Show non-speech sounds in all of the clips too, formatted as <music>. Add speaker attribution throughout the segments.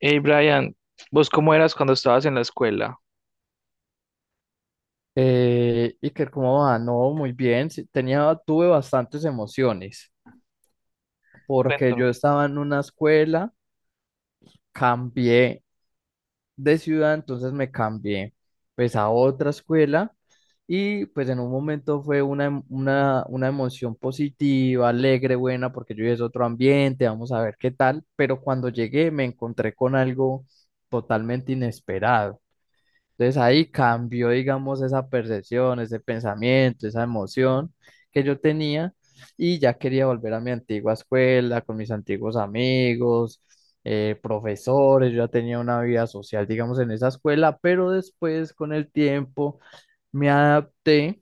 Speaker 1: Hey Brian, ¿vos cómo eras cuando estabas en la escuela?
Speaker 2: Iker, ¿cómo va? No, muy bien. Sí, tuve bastantes emociones porque
Speaker 1: Cuéntame.
Speaker 2: yo estaba en una escuela, cambié de ciudad, entonces me cambié pues a otra escuela, y pues en un momento fue una emoción positiva, alegre, buena, porque yo ya es otro ambiente, vamos a ver qué tal, pero cuando llegué me encontré con algo totalmente inesperado. Entonces ahí cambió, digamos, esa percepción, ese pensamiento, esa emoción que yo tenía y ya quería volver a mi antigua escuela con mis antiguos amigos, profesores. Yo ya tenía una vida social, digamos, en esa escuela, pero después con el tiempo me adapté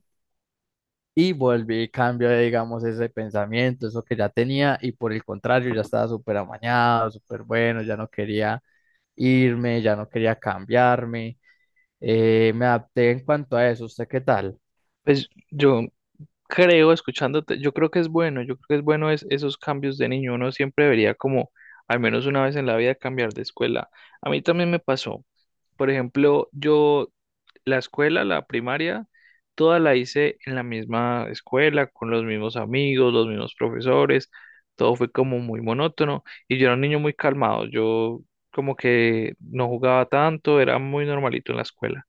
Speaker 2: y volví y cambié, digamos, ese pensamiento, eso que ya tenía, y por el contrario ya estaba súper amañado, súper bueno, ya no quería irme, ya no quería cambiarme. Me adapté en cuanto a eso. ¿Usted qué tal?
Speaker 1: Pues yo creo, escuchándote, yo creo que es bueno, esos cambios de niño. Uno siempre debería como al menos una vez en la vida cambiar de escuela. A mí también me pasó. Por ejemplo, yo La escuela, la primaria, toda la hice en la misma escuela, con los mismos amigos, los mismos profesores, todo fue como muy monótono y yo era un niño muy calmado, yo como que no jugaba tanto, era muy normalito en la escuela.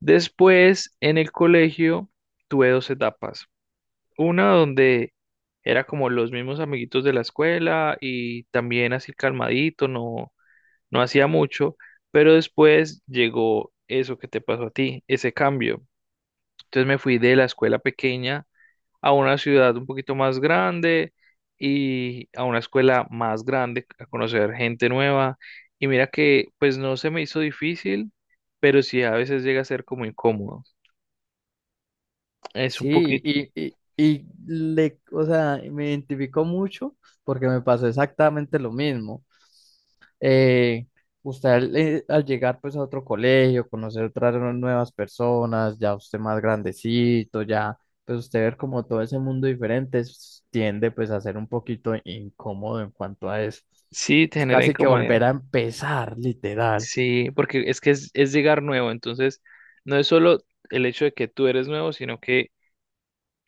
Speaker 1: Después, en el colegio, tuve dos etapas, una donde era como los mismos amiguitos de la escuela y también así calmadito, no, no hacía mucho, pero después llegó eso que te pasó a ti, ese cambio, entonces me fui de la escuela pequeña a una ciudad un poquito más grande y a una escuela más grande, a conocer gente nueva. Y mira que pues no se me hizo difícil, pero sí a veces llega a ser como incómodo. Es un
Speaker 2: Sí,
Speaker 1: poquito,
Speaker 2: le, o sea, me identificó mucho porque me pasó exactamente lo mismo. Eh, usted al llegar pues a otro colegio, conocer nuevas personas, ya usted más grandecito, ya pues usted ver como todo ese mundo diferente tiende pues a ser un poquito incómodo en cuanto a eso.
Speaker 1: sí, te
Speaker 2: Es
Speaker 1: genera
Speaker 2: casi que
Speaker 1: incomodidad.
Speaker 2: volver a empezar, literal.
Speaker 1: Sí, porque es es llegar nuevo, entonces no es solo el hecho de que tú eres nuevo, sino que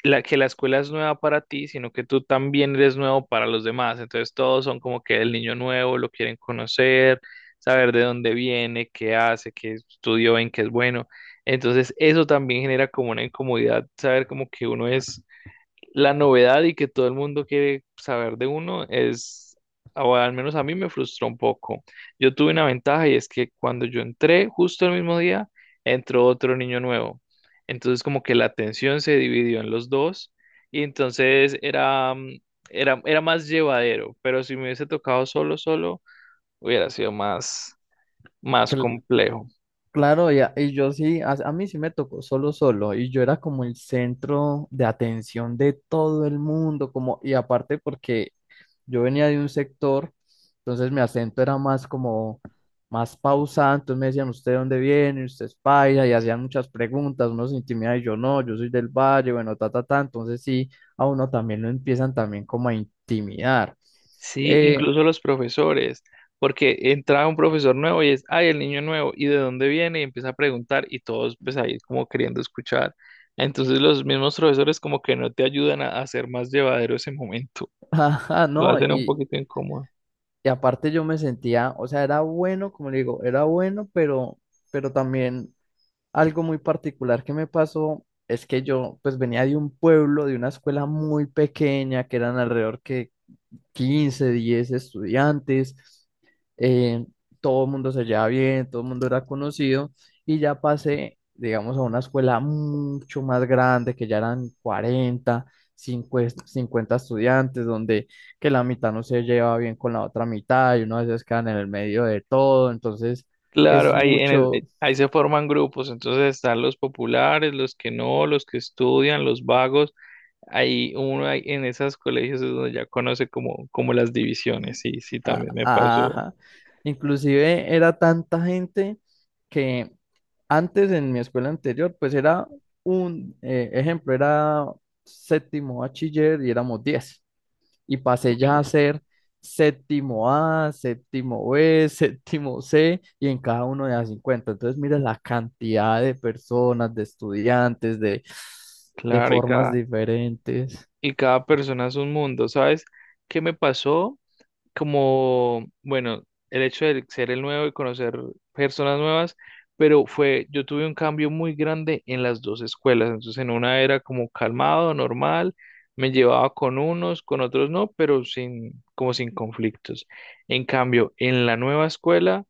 Speaker 1: la, que la escuela es nueva para ti, sino que tú también eres nuevo para los demás. Entonces todos son como que el niño nuevo, lo quieren conocer, saber de dónde viene, qué hace, qué estudió, en qué es bueno. Entonces eso también genera como una incomodidad, saber como que uno es la novedad y que todo el mundo quiere saber de uno es, o al menos a mí me frustró un poco. Yo tuve una ventaja y es que cuando yo entré, justo el mismo día, entró otro niño nuevo. Entonces como que la atención se dividió en los dos y entonces era más llevadero, pero si me hubiese tocado solo, solo, hubiera sido más, más complejo.
Speaker 2: Claro, y yo sí, a mí sí me tocó solo solo, y yo era como el centro de atención de todo el mundo, como, y aparte porque yo venía de un sector, entonces mi acento era más pausado. Entonces me decían, ¿usted de dónde viene? ¿Usted es paisa? Y hacían muchas preguntas, uno se intimida y yo no, yo soy del valle, bueno, ta, ta, ta, entonces sí, a uno también lo empiezan también como a intimidar.
Speaker 1: Sí,
Speaker 2: Eh,
Speaker 1: incluso los profesores, porque entra un profesor nuevo y es, ay, el niño nuevo, ¿y de dónde viene? Y empieza a preguntar y todos pues ahí como queriendo escuchar. Entonces los mismos profesores como que no te ayudan a hacer más llevadero ese momento,
Speaker 2: <laughs> ajá,
Speaker 1: lo
Speaker 2: no,
Speaker 1: hacen un poquito incómodo.
Speaker 2: Y aparte yo me sentía, o sea, era bueno, como le digo, era bueno, pero también algo muy particular que me pasó es que yo pues venía de un pueblo, de una escuela muy pequeña, que eran alrededor que 15 10 estudiantes. eh, Todo el mundo se llevaba bien, todo el mundo era conocido, y ya pasé, digamos, a una escuela mucho más grande, que ya eran 40 50 estudiantes, donde que la mitad no se lleva bien con la otra mitad y uno a veces quedan en el medio de todo. Entonces es
Speaker 1: Claro, ahí,
Speaker 2: mucho,
Speaker 1: ahí se forman grupos, entonces están los populares, los que no, los que estudian, los vagos. Ahí uno ahí en esos colegios es donde ya conoce como, como las divisiones, sí, sí, también me pasó.
Speaker 2: ajá. Inclusive era tanta gente que antes en mi escuela anterior, pues era un ejemplo, era séptimo bachiller y éramos 10. Y pasé ya a
Speaker 1: Ok.
Speaker 2: ser séptimo A, séptimo B, <laughs> séptimo C, y en cada uno de las 50. Entonces, mira la cantidad de personas, de estudiantes, de
Speaker 1: Claro, y
Speaker 2: formas
Speaker 1: cada
Speaker 2: diferentes.
Speaker 1: Y cada persona es un mundo, ¿sabes? ¿Qué me pasó? Como, bueno, el hecho de ser el nuevo y conocer personas nuevas, pero fue, yo tuve un cambio muy grande en las dos escuelas, entonces en una era como calmado, normal, me llevaba con unos, con otros no, pero sin, como sin conflictos. En cambio, en la nueva escuela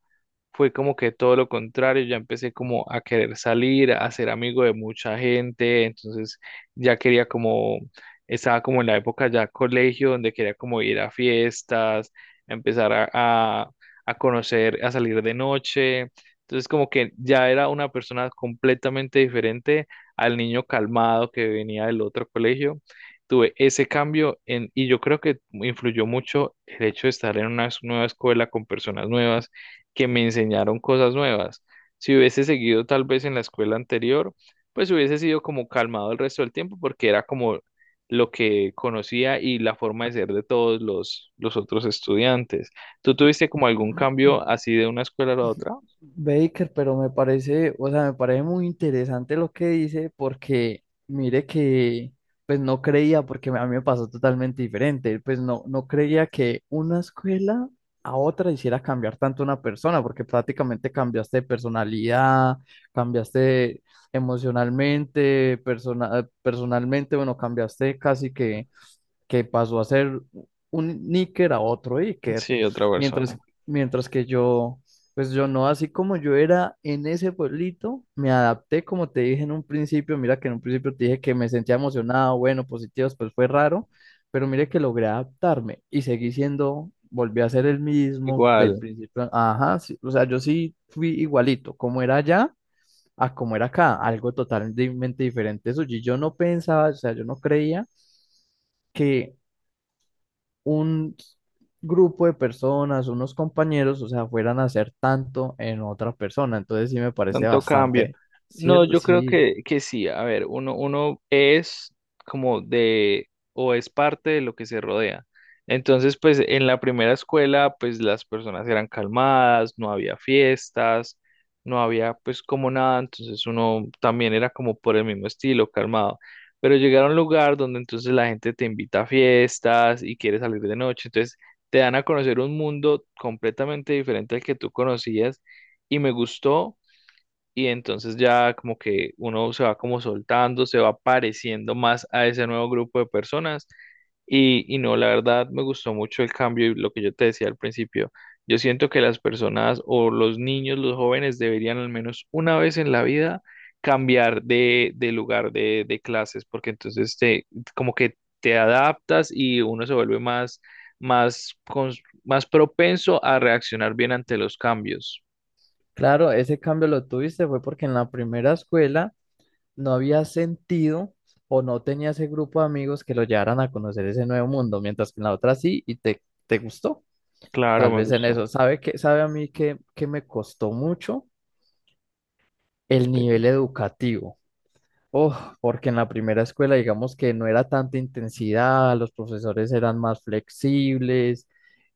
Speaker 1: fue como que todo lo contrario, ya empecé como a querer salir, a ser amigo de mucha gente, entonces ya quería como, estaba como en la época ya colegio, donde quería como ir a fiestas, a empezar a, a, a conocer, a salir de noche, entonces como que ya era una persona completamente diferente al niño calmado que venía del otro colegio. Tuve ese cambio en, y yo creo que influyó mucho el hecho de estar en una nueva escuela con personas nuevas que me enseñaron cosas nuevas. Si hubiese seguido tal vez en la escuela anterior, pues hubiese sido como calmado el resto del tiempo porque era como lo que conocía y la forma de ser de todos los otros estudiantes. ¿Tú tuviste como algún cambio así de una escuela a la otra?
Speaker 2: Baker, pero me parece, o sea, me parece muy interesante lo que dice, porque mire que pues no creía, porque a mí me pasó totalmente diferente. Pues no, no creía que una escuela a otra hiciera cambiar tanto una persona, porque prácticamente cambiaste de personalidad, cambiaste emocionalmente, personalmente, bueno, cambiaste casi que pasó a ser un níquer a otro níquer,
Speaker 1: Sí, otra persona.
Speaker 2: mientras, mientras que yo, pues yo no. Así como yo era en ese pueblito, me adapté, como te dije en un principio, mira que en un principio te dije que me sentía emocionado, bueno, positivo, pues fue raro, pero mire que logré adaptarme y seguí siendo, volví a ser el mismo del
Speaker 1: Igual.
Speaker 2: principio, ajá, sí, o sea, yo sí fui igualito, como era allá a como era acá, algo totalmente diferente. Eso, y yo no pensaba, o sea, yo no creía que un grupo de personas, unos compañeros, o sea, fueran a hacer tanto en otra persona. Entonces sí me parece
Speaker 1: Tanto cambio.
Speaker 2: bastante
Speaker 1: No,
Speaker 2: cierto,
Speaker 1: yo creo
Speaker 2: sí.
Speaker 1: que sí. A ver, uno es como de, o es parte de lo que se rodea. Entonces, pues en la primera escuela, pues las personas eran calmadas, no había fiestas, no había pues como nada. Entonces uno también era como por el mismo estilo, calmado. Pero llegar a un lugar donde entonces la gente te invita a fiestas y quiere salir de noche. Entonces te dan a conocer un mundo completamente diferente al que tú conocías y me gustó y entonces ya como que uno se va como soltando, se va pareciendo más a ese nuevo grupo de personas y, no, la verdad me gustó mucho el cambio y lo que yo te decía al principio, yo siento que las personas o los niños, los jóvenes deberían al menos una vez en la vida cambiar de lugar de clases porque entonces te, como que te adaptas y uno se vuelve más, más propenso a reaccionar bien ante los cambios.
Speaker 2: Claro, ese cambio lo tuviste fue porque en la primera escuela no había sentido o no tenía ese grupo de amigos que lo llevaran a conocer ese nuevo mundo, mientras que en la otra sí, y te gustó.
Speaker 1: Claro,
Speaker 2: Tal
Speaker 1: me
Speaker 2: vez en
Speaker 1: gustó.
Speaker 2: eso. ¿Sabe que, sabe a mí que me costó mucho
Speaker 1: ¿Qué
Speaker 2: el
Speaker 1: te-
Speaker 2: nivel educativo? Oh, porque en la primera escuela, digamos que no era tanta intensidad, los profesores eran más flexibles,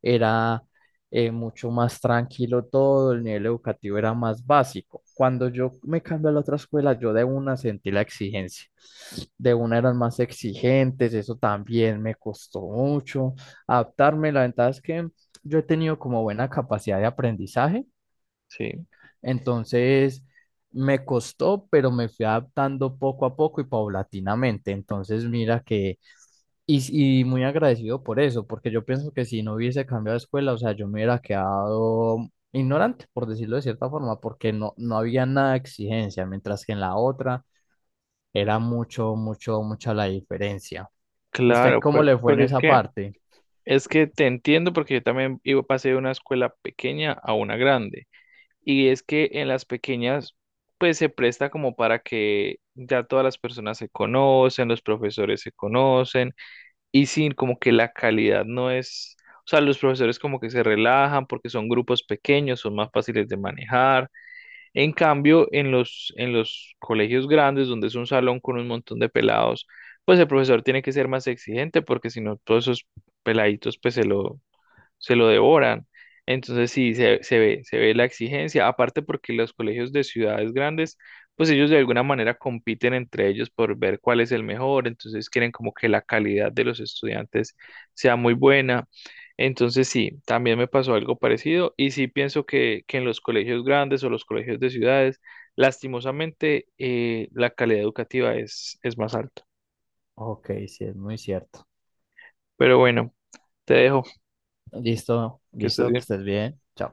Speaker 2: era mucho más tranquilo todo, el nivel educativo era más básico. Cuando yo me cambié a la otra escuela, yo de una sentí la exigencia. De una eran más exigentes, eso también me costó mucho adaptarme. La ventaja es que yo he tenido como buena capacidad de aprendizaje,
Speaker 1: Sí,
Speaker 2: entonces me costó, pero me fui adaptando poco a poco y paulatinamente. Entonces, mira que, y muy agradecido por eso, porque yo pienso que si no hubiese cambiado de escuela, o sea, yo me hubiera quedado ignorante, por decirlo de cierta forma, porque no, no había nada de exigencia, mientras que en la otra era mucho, mucha la diferencia. ¿Usted
Speaker 1: claro,
Speaker 2: cómo
Speaker 1: pues,
Speaker 2: le fue en
Speaker 1: porque es
Speaker 2: esa
Speaker 1: que
Speaker 2: parte?
Speaker 1: es que te entiendo porque yo también iba, pasé de una escuela pequeña a una grande. Y es que en las pequeñas, pues se presta como para que ya todas las personas se conocen, los profesores se conocen, y sin como que la calidad no es, o sea, los profesores como que se relajan porque son grupos pequeños, son más fáciles de manejar. En cambio, en los colegios grandes, donde es un salón con un montón de pelados, pues el profesor tiene que ser más exigente porque si no, todos esos peladitos se lo devoran. Entonces sí, se ve la exigencia, aparte porque los colegios de ciudades grandes, pues ellos de alguna manera compiten entre ellos por ver cuál es el mejor, entonces quieren como que la calidad de los estudiantes sea muy buena. Entonces sí, también me pasó algo parecido y sí pienso que en los colegios grandes o los colegios de ciudades, lastimosamente, la calidad educativa es más alta.
Speaker 2: Ok, sí, es muy cierto.
Speaker 1: Pero bueno, te dejo,
Speaker 2: Listo,
Speaker 1: que estés
Speaker 2: listo, que
Speaker 1: bien.
Speaker 2: estés bien. Chao.